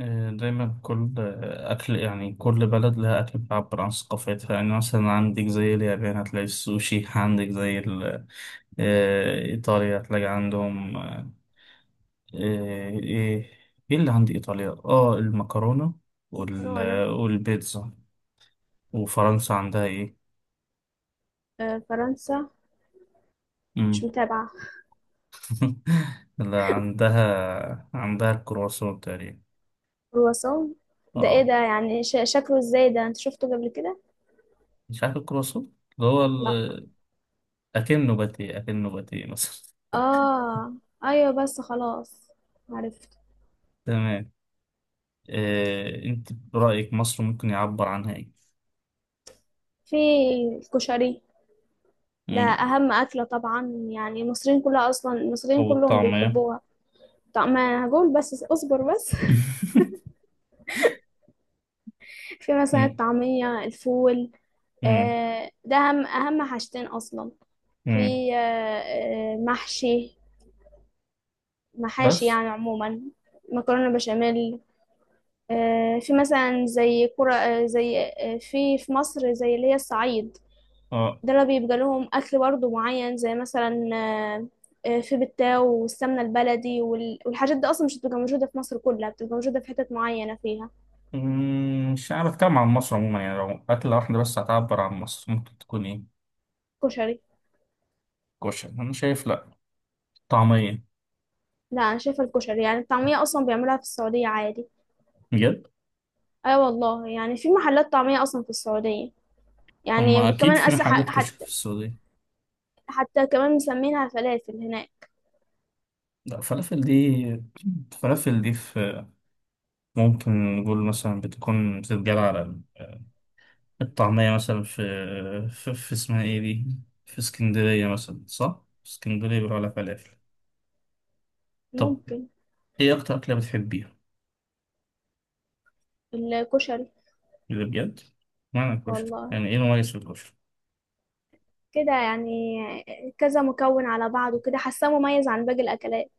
دايما كل آه، أكل، يعني كل بلد لها أكل بيعبر عن ثقافتها. يعني مثلا عندك زي اليابان هتلاقي السوشي، عندك زي إيطاليا هتلاقي عندهم، إيه. إيه اللي عند إيطاليا؟ المكرونة، وال مكرونة. والبيتزا. وفرنسا عندها إيه؟ فرنسا مش مم. متابعة. لا، عندها الكرواسون تقريبا. كرواسون، ده ايه آه. ده؟ يعني شكله ازاي ده؟ انت شفته قبل كده؟ مش عارف الكرواسون، اللي هو لا. ال-. أكنه باتيه مثلا. اه، ايوه، بس خلاص، عرفت. تمام. انت برأيك مصر ممكن يعبر عنها ايه؟ في الكشري. ده مم. اهم اكلة طبعا، يعني المصريين كلها اصلا المصريين أو كلهم الطعمية. بيحبوها. طب ما انا هقول، بس اصبر بس في مثلا مم. الطعمية، الفول. مم. ده اهم حاجتين اصلا. مم. في، آه، محشي، محاشي بس. يعني عموما. مكرونة بشاميل. في مثلا زي كرة، زي في مصر زي اللي هي الصعيد، اه. دول بيبقى لهم أكل برضه معين زي مثلا في بتاو والسمنة البلدي والحاجات دي أصلا مش بتبقى موجودة في مصر كلها، بتبقى موجودة في حتت معينة فيها. مم. مش عارف، اتكلم عن مصر عموما، يعني لو أكلة واحدة بس هتعبر عن مصر ممكن تكون ايه؟ كشري. كشري أنا شايف لأ. طعمية. لا، أنا شايفة الكشري. يعني الطعمية أصلا بيعملوها في السعودية عادي. بجد؟ أيوة والله، يعني في محلات طعمية أصلا في السعودية. أما يعني أكيد في كمان محلات كشري حتى، في السعودية. حتى كمان مسمينها فلافل هناك. لأ فلافل دي، فلافل دي، في ممكن نقول مثلا بتكون بتتجاب على الطعمية مثلا في، في اسمها ايه دي، في اسكندرية مثلا صح؟ في اسكندرية بيقولوا عليها فلافل. طب ممكن. ايه أكتر أكلة بتحبيها؟ الكشري. اللي بجد؟ معنى الكشري، والله يعني ايه المميز في الكشري؟ كده يعني، كذا مكون على بعض وكده، حاساه مميز عن باقي الأكلات.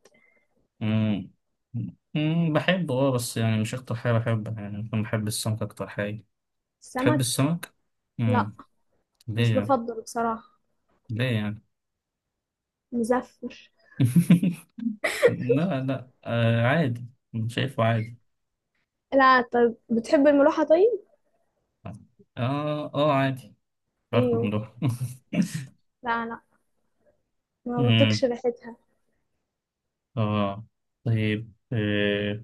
مم. مم. بحبه اه، بس يعني مش أكتر حاجة بحبها، يعني ممكن بحب السمك أكتر حاجة. تحب السمك. السمك؟ لا، مم. مش ليه يعني؟ بفضله بصراحة. ليه يعني؟ مزفر. لا لا، آه عادي. شايفه عادي. لا، طب بتحب الملوحة طيب؟ اه اه، عادي، باكل من ايوه. ده. لا لا، ما بطيقش مم. ريحتها. اه. طيب.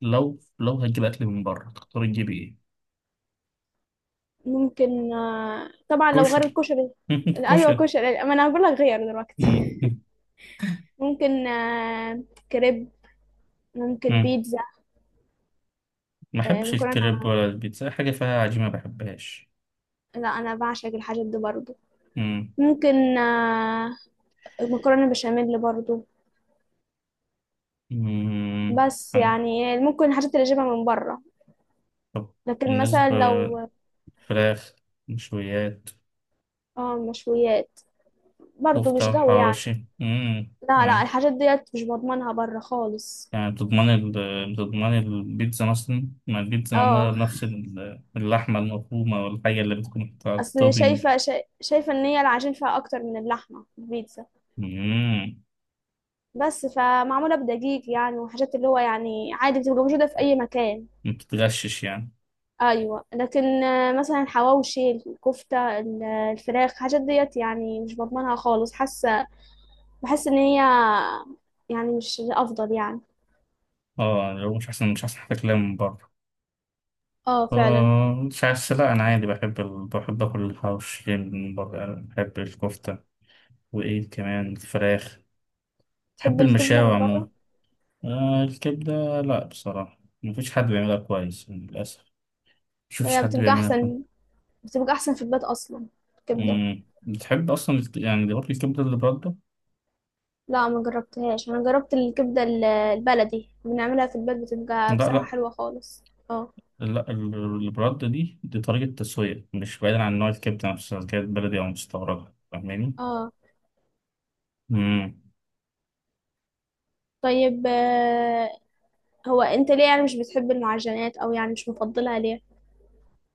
لو هتجيب اكل من بره تختار تجيب ايه؟ ممكن، طبعا لو غير كشري. الكشري. ايوه كشري. كشري، ما انا هقول لك غير دلوقتي مم. ممكن كريب، ممكن مم. بيتزا. ما بحبش الكريب مكرونة. ولا البيتزا، أي حاجه فيها عجينه ما بحبهاش. لا، انا بعشق الحاجات دي برضو. مم. ممكن مكرونة بشاميل برضو، مم. بس عن-. يعني ممكن الحاجات اللي اجيبها من بره. طب، لكن بالنسبه، مثلا لو، فراخ، مشويات، اه مشويات، برضو مش كفته جو يعني. وحواوشي. مم. لا لا، يعني، الحاجات ديت مش بضمنها بره خالص. يعني بتضمن ال... بتضمن البيتزا مثلا، ما البيتزا معمولة اه، بنفس ال- اللحمة المفرومة، والحاجة اللي بتكون على اصل التوبينج. شايفه، شايفه ان هي العجين فيها اكتر من اللحمه في البيتزا، مم. بس فمعموله بدقيق يعني، وحاجات اللي هو يعني عادي بتبقى موجوده في اي مكان. ما بتتغشش يعني. ايوه، لكن مثلا الحواوشي، الكفته، الفراخ، الحاجات ديت يعني مش بضمنها خالص، حاسه بحس ان هي يعني مش الافضل يعني. اه، لو مش احسن مش احسن حتى كلام من بره. اه فعلا. مش عارف، لا انا عادي بحب ال... بحب اكل الحواوشي من بره، يعني بحب الكفته. وايه كمان الفراخ. بحب تحب الكبدة المشاوي من عموما. بره؟ الكبده، لا بصراحه مفيش حد بيعملها كويس يعني للاسف. مشفتش هي حد بتبقى بيعملها كويس. احسن، بتبقى احسن في البيت اصلا، الكبدة. مم. بتحب اصلا الك-، يعني اللي برضه الكبده اللي برده. لا ما جربتهاش. انا جربت الكبدة البلدي بنعملها في البيت، بتبقى لا بصراحة لا. حلوة خالص. اه. لا، ال- اللي برده دي طريقه تسويه، مش بعيدا عن نوع الكبده نفسها، كانت بلدي او مستورده، فاهماني. اه، طيب. هو انت ليه يعني مش بتحب المعجنات؟ او يعني مش مفضلها ليه؟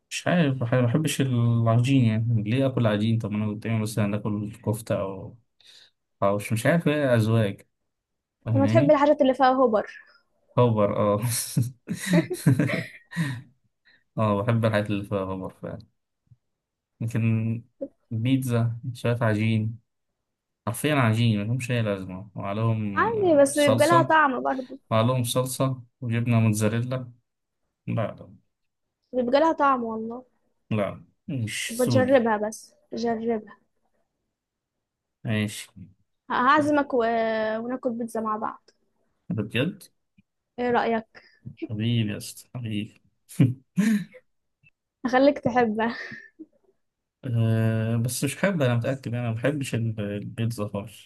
مش عارف، بح- ما بحبش العجين، يعني ليه اكل عجين؟ طب ما انا قدامي مثلا اكل كفته او حوش، مش عارف ايه، ازواج، لما تحب فاهماني. الحاجات اللي فيها هوبر. خبر اه. اه بحب الحاجات اللي فيها خبر فعلا. لكن بيتزا شويه عجين، حرفيا عجين ملهمش اي لازمه، وعليهم عادي، بس بيبقى لها صلصه. طعم برضو. وعليهم صلصه وجبنه موتزاريلا. لا لا بيبقى لها طعم والله. لا، مش سوقي. بتجربها، بس جربها. ماشي. هعزمك و... وناكل بيتزا مع بعض، ده بجد؟ ايه رأيك؟ حبيبي يا اسطى حبيبي. اخليك تحبها. أه، بس مش حابب، أنا متأكد أنا ما بحبش ال- البيتزا خالص.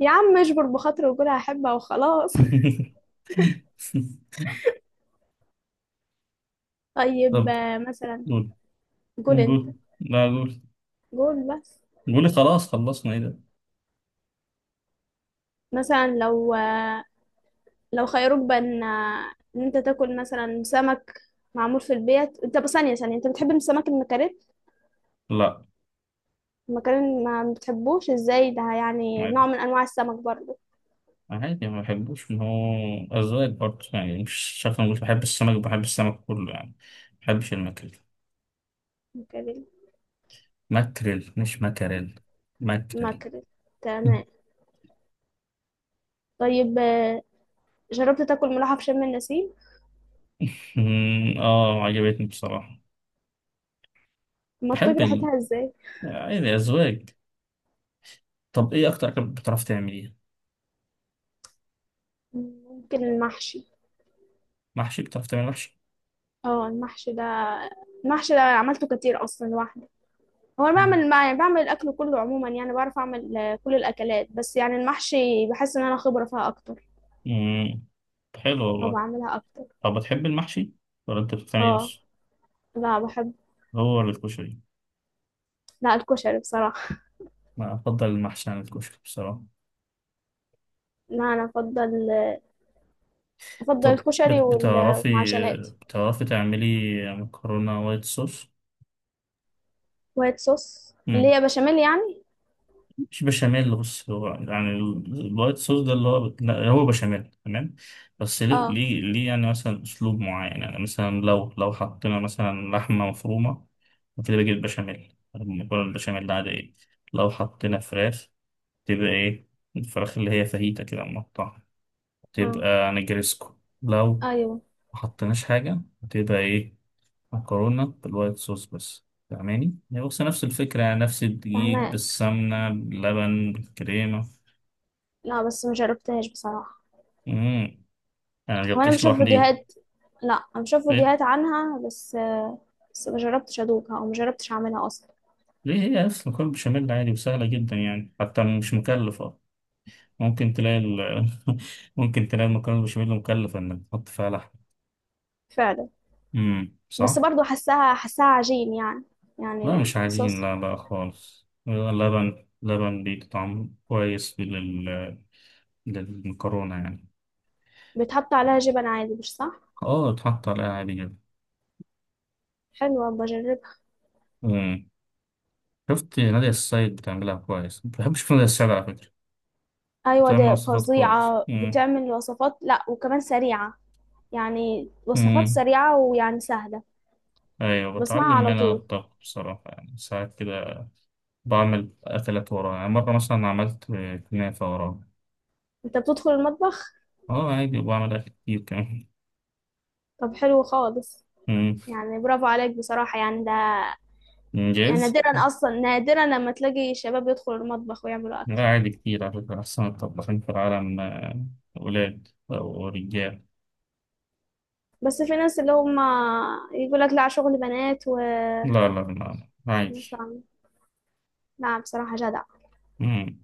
يا عم اجبر بخاطر وقول هحبها وخلاص طيب طب، مثلا، قول، قول انت. قول، لا قول، قول بس. قولي خلاص خلصنا إيه ده. مثلا لو لو خيروك بين ان انت تاكل مثلا سمك معمول في البيت. انت بس ثانية ثانية، انت بتحب السمك المكاريل؟ لا المكاريل ما بتحبوش ازاي؟ ده يعني نوع عادي. من انواع السمك برضه. عادي ما بحبوش، ما هو أذواق برضه يعني. مش شايف، أنا مش بحب السمك، بحب السمك كله يعني. ما بحبش الماكريل. مكاريل. ماكريل مش ماكريل. ماكريل. مكاريل، تمام. طيب جربت تاكل ملوحة في شم النسيم؟ مم، عجبتني بصراحة. ما تطيب بحب ال، ريحتها ازاي! عادي أذواق. طب إيه أكتر أكل بتعرف تعمليه؟ ممكن المحشي. محشي. بتعرف تعمل محشي؟ اه المحشي ده عملته كتير اصلا لوحده. هو انا بعمل يعني بعمل الاكل كله عموما، يعني بعرف اعمل كل الاكلات، بس يعني المحشي بحس ان انا خبره فيها اكتر، امم حلو او والله. بعملها اكتر. طب بتحب المحشي ولا انت بتعمل ايه اه. بس؟ لا بحب. هو ولا الكشري. لا الكشري بصراحه. انا افضل المحشي عن الكشري بصراحه. لا انا افضل طب الكشري بت- بتعرفي، والمعجنات. بتعرفي تعملي مكرونه وايت صوص؟ وايت صوص امم اللي هي بشاميل يعني. مش بشاميل، بص هو يعني ال- الوايت صوص ده اللي هو بت-، لا، هو بشاميل تمام. بس ليه؟ اه. ليه يعني مثلا اسلوب معين، يعني مثلا لو حطينا مثلا لحمه مفرومه، وكده بيجي البشاميل المكرونه البشاميل العاديه. لو حطينا فراخ تبقى ايه؟ الفراخ اللي هي فاهيتا كده مقطعة، اه. تبقى نجرسكو. لو ايوه ما حطيناش حاجة هتبقى ايه؟ مكرونة بالوايت صوص بس، فاهماني، هي بص نفس الفكرة، يعني نفس الدقيق فهماك. بالسمنة باللبن بالكريمة. لا بس ما جربتهاش بصراحه. مم. أنا وانا مجبتش بشوف لوحديها. فيديوهات. لا انا بشوف إيه؟ فيديوهات عنها، بس بس ما جربتش ادوقها، او ما جربتش اعملها اصلا. ليه؟ هي أصلا مكرونة بشاميل عادي وسهلة جدا، يعني حتى مش مكلفة. ممكن تلاقي ال... ممكن تلاقي المكرونة بشاميل مكلفة إنك تحط فيها لحم. فعلا. بس صح؟ برضو حساها عجين يعني، لا يعني مش عجين، صوص. لا لا خالص، لبن، لبن بيدي طعم كويس لل... للمكرونة يعني. بيتحط عليها جبن عادي، مش صح؟ اه اتحط عليها عادي جدا. حلوة، بجربها. مم. شفت نادية السيد بتعملها كويس، بحب اشوف نادية السيد على فكرة. أيوة بتعمل دي وصفات كويس، فظيعة، مم. بتعمل وصفات، لأ وكمان سريعة. يعني وصفات مم. سريعة ويعني سهلة. ايوه بسمعها بتعلم على منها طول. الطبخ بصراحة، يعني ساعات كده بعمل اكلات وراها، يعني مرة مثلا عملت كنافة وراها. أنت بتدخل المطبخ؟ اه عادي، وبعمل اكل كتير كمان. طب حلو خالص، مم. يعني برافو عليك بصراحة، يعني ده يعني انجاز. نادرا، أصلا نادرا لما تلاقي شباب يدخلوا المطبخ ويعملوا أكل. لا عادي كتير على فكرة، أحسن الطباخين في العالم، أولاد أو رجال. بس في ناس اللي هم يقول لك لا شغل بنات و لا لا لا لا، مش عارفة عادي. أعمل. لا بصراحة جدع. مم.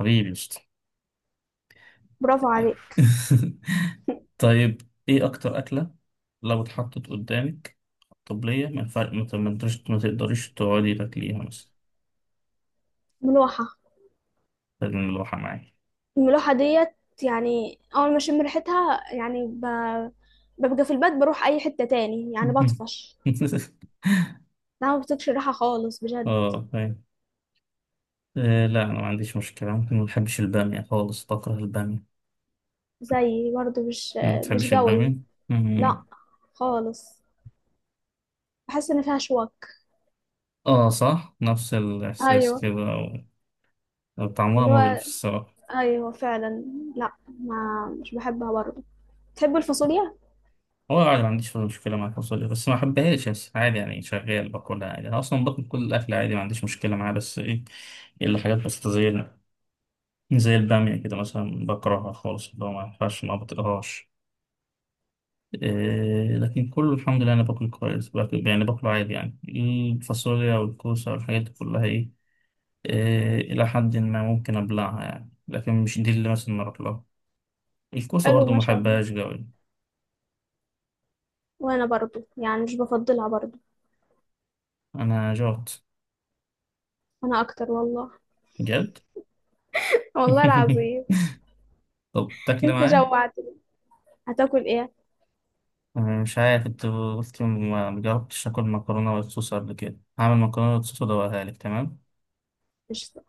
حبيبي قشطة. برافو عليك. طيب، إيه أكتر أكلة لو اتحطت قدامك طبلية ما ينفع- ما ت- ما تقدرش ما تقدريش تقعدي تاكليها مثلا؟ ملوحة. لازم الواحة معايا. الملوحة ديت يعني، أول ما أشم ريحتها يعني ببقى في البيت، بروح أي حتة تاني يعني، بطفش. لا ما بتكش ريحة خالص بجد. اه فاهم. لا أنا ما عنديش مشكلة، ممكن ما بحبش البامية خالص، بكره البامية. زي برضو مش ما مش بتحبش قوي. البامية؟ لا خالص، بحس إن فيها شوك. اه صح، نفس الإحساس أيوة. كده و-. وطعمها واللي مغري في هو الصراحة. أيوة فعلا. لا ما مش بحبها برضو. تحب الفاصوليا؟ هو عادي ما عنديش مشكلة مع الفاصوليا، بس ما أحبهاش، بس عادي يعني شغال باكلها عادي. أنا أصلا باكل كل الأكل عادي، ما عنديش مشكلة معاه، بس إيه، إلا حاجات بس زي، زي البامية كده مثلا بكرهها خالص، اللي هو ما ينفعش، ما بطيقهاش. إيه لكن كله الحمد لله، أنا باكل كويس، باكل يعني، باكله عادي، يعني الفاصوليا والكوسة والحاجات دي كلها إيه، إيه، إلى حد ما ممكن أبلعها يعني، لكن مش دي اللي مثلا أروح لها. الكوسة حلو برضو ما ما شاء الله. بحبهاش قوي. وأنا برضو يعني مش بفضلها برضو. انا جورت. أنا أكتر والله بجد؟ والله العظيم. طب تاكل أنت معايا. جوعتني، هتاكل إيه؟ أنا مش عارف، انت قلت ما جربتش اكل مكرونه بالصوص قبل كده، هعمل مكرونه بالصوص وادوقها لك. تمام. قشطة.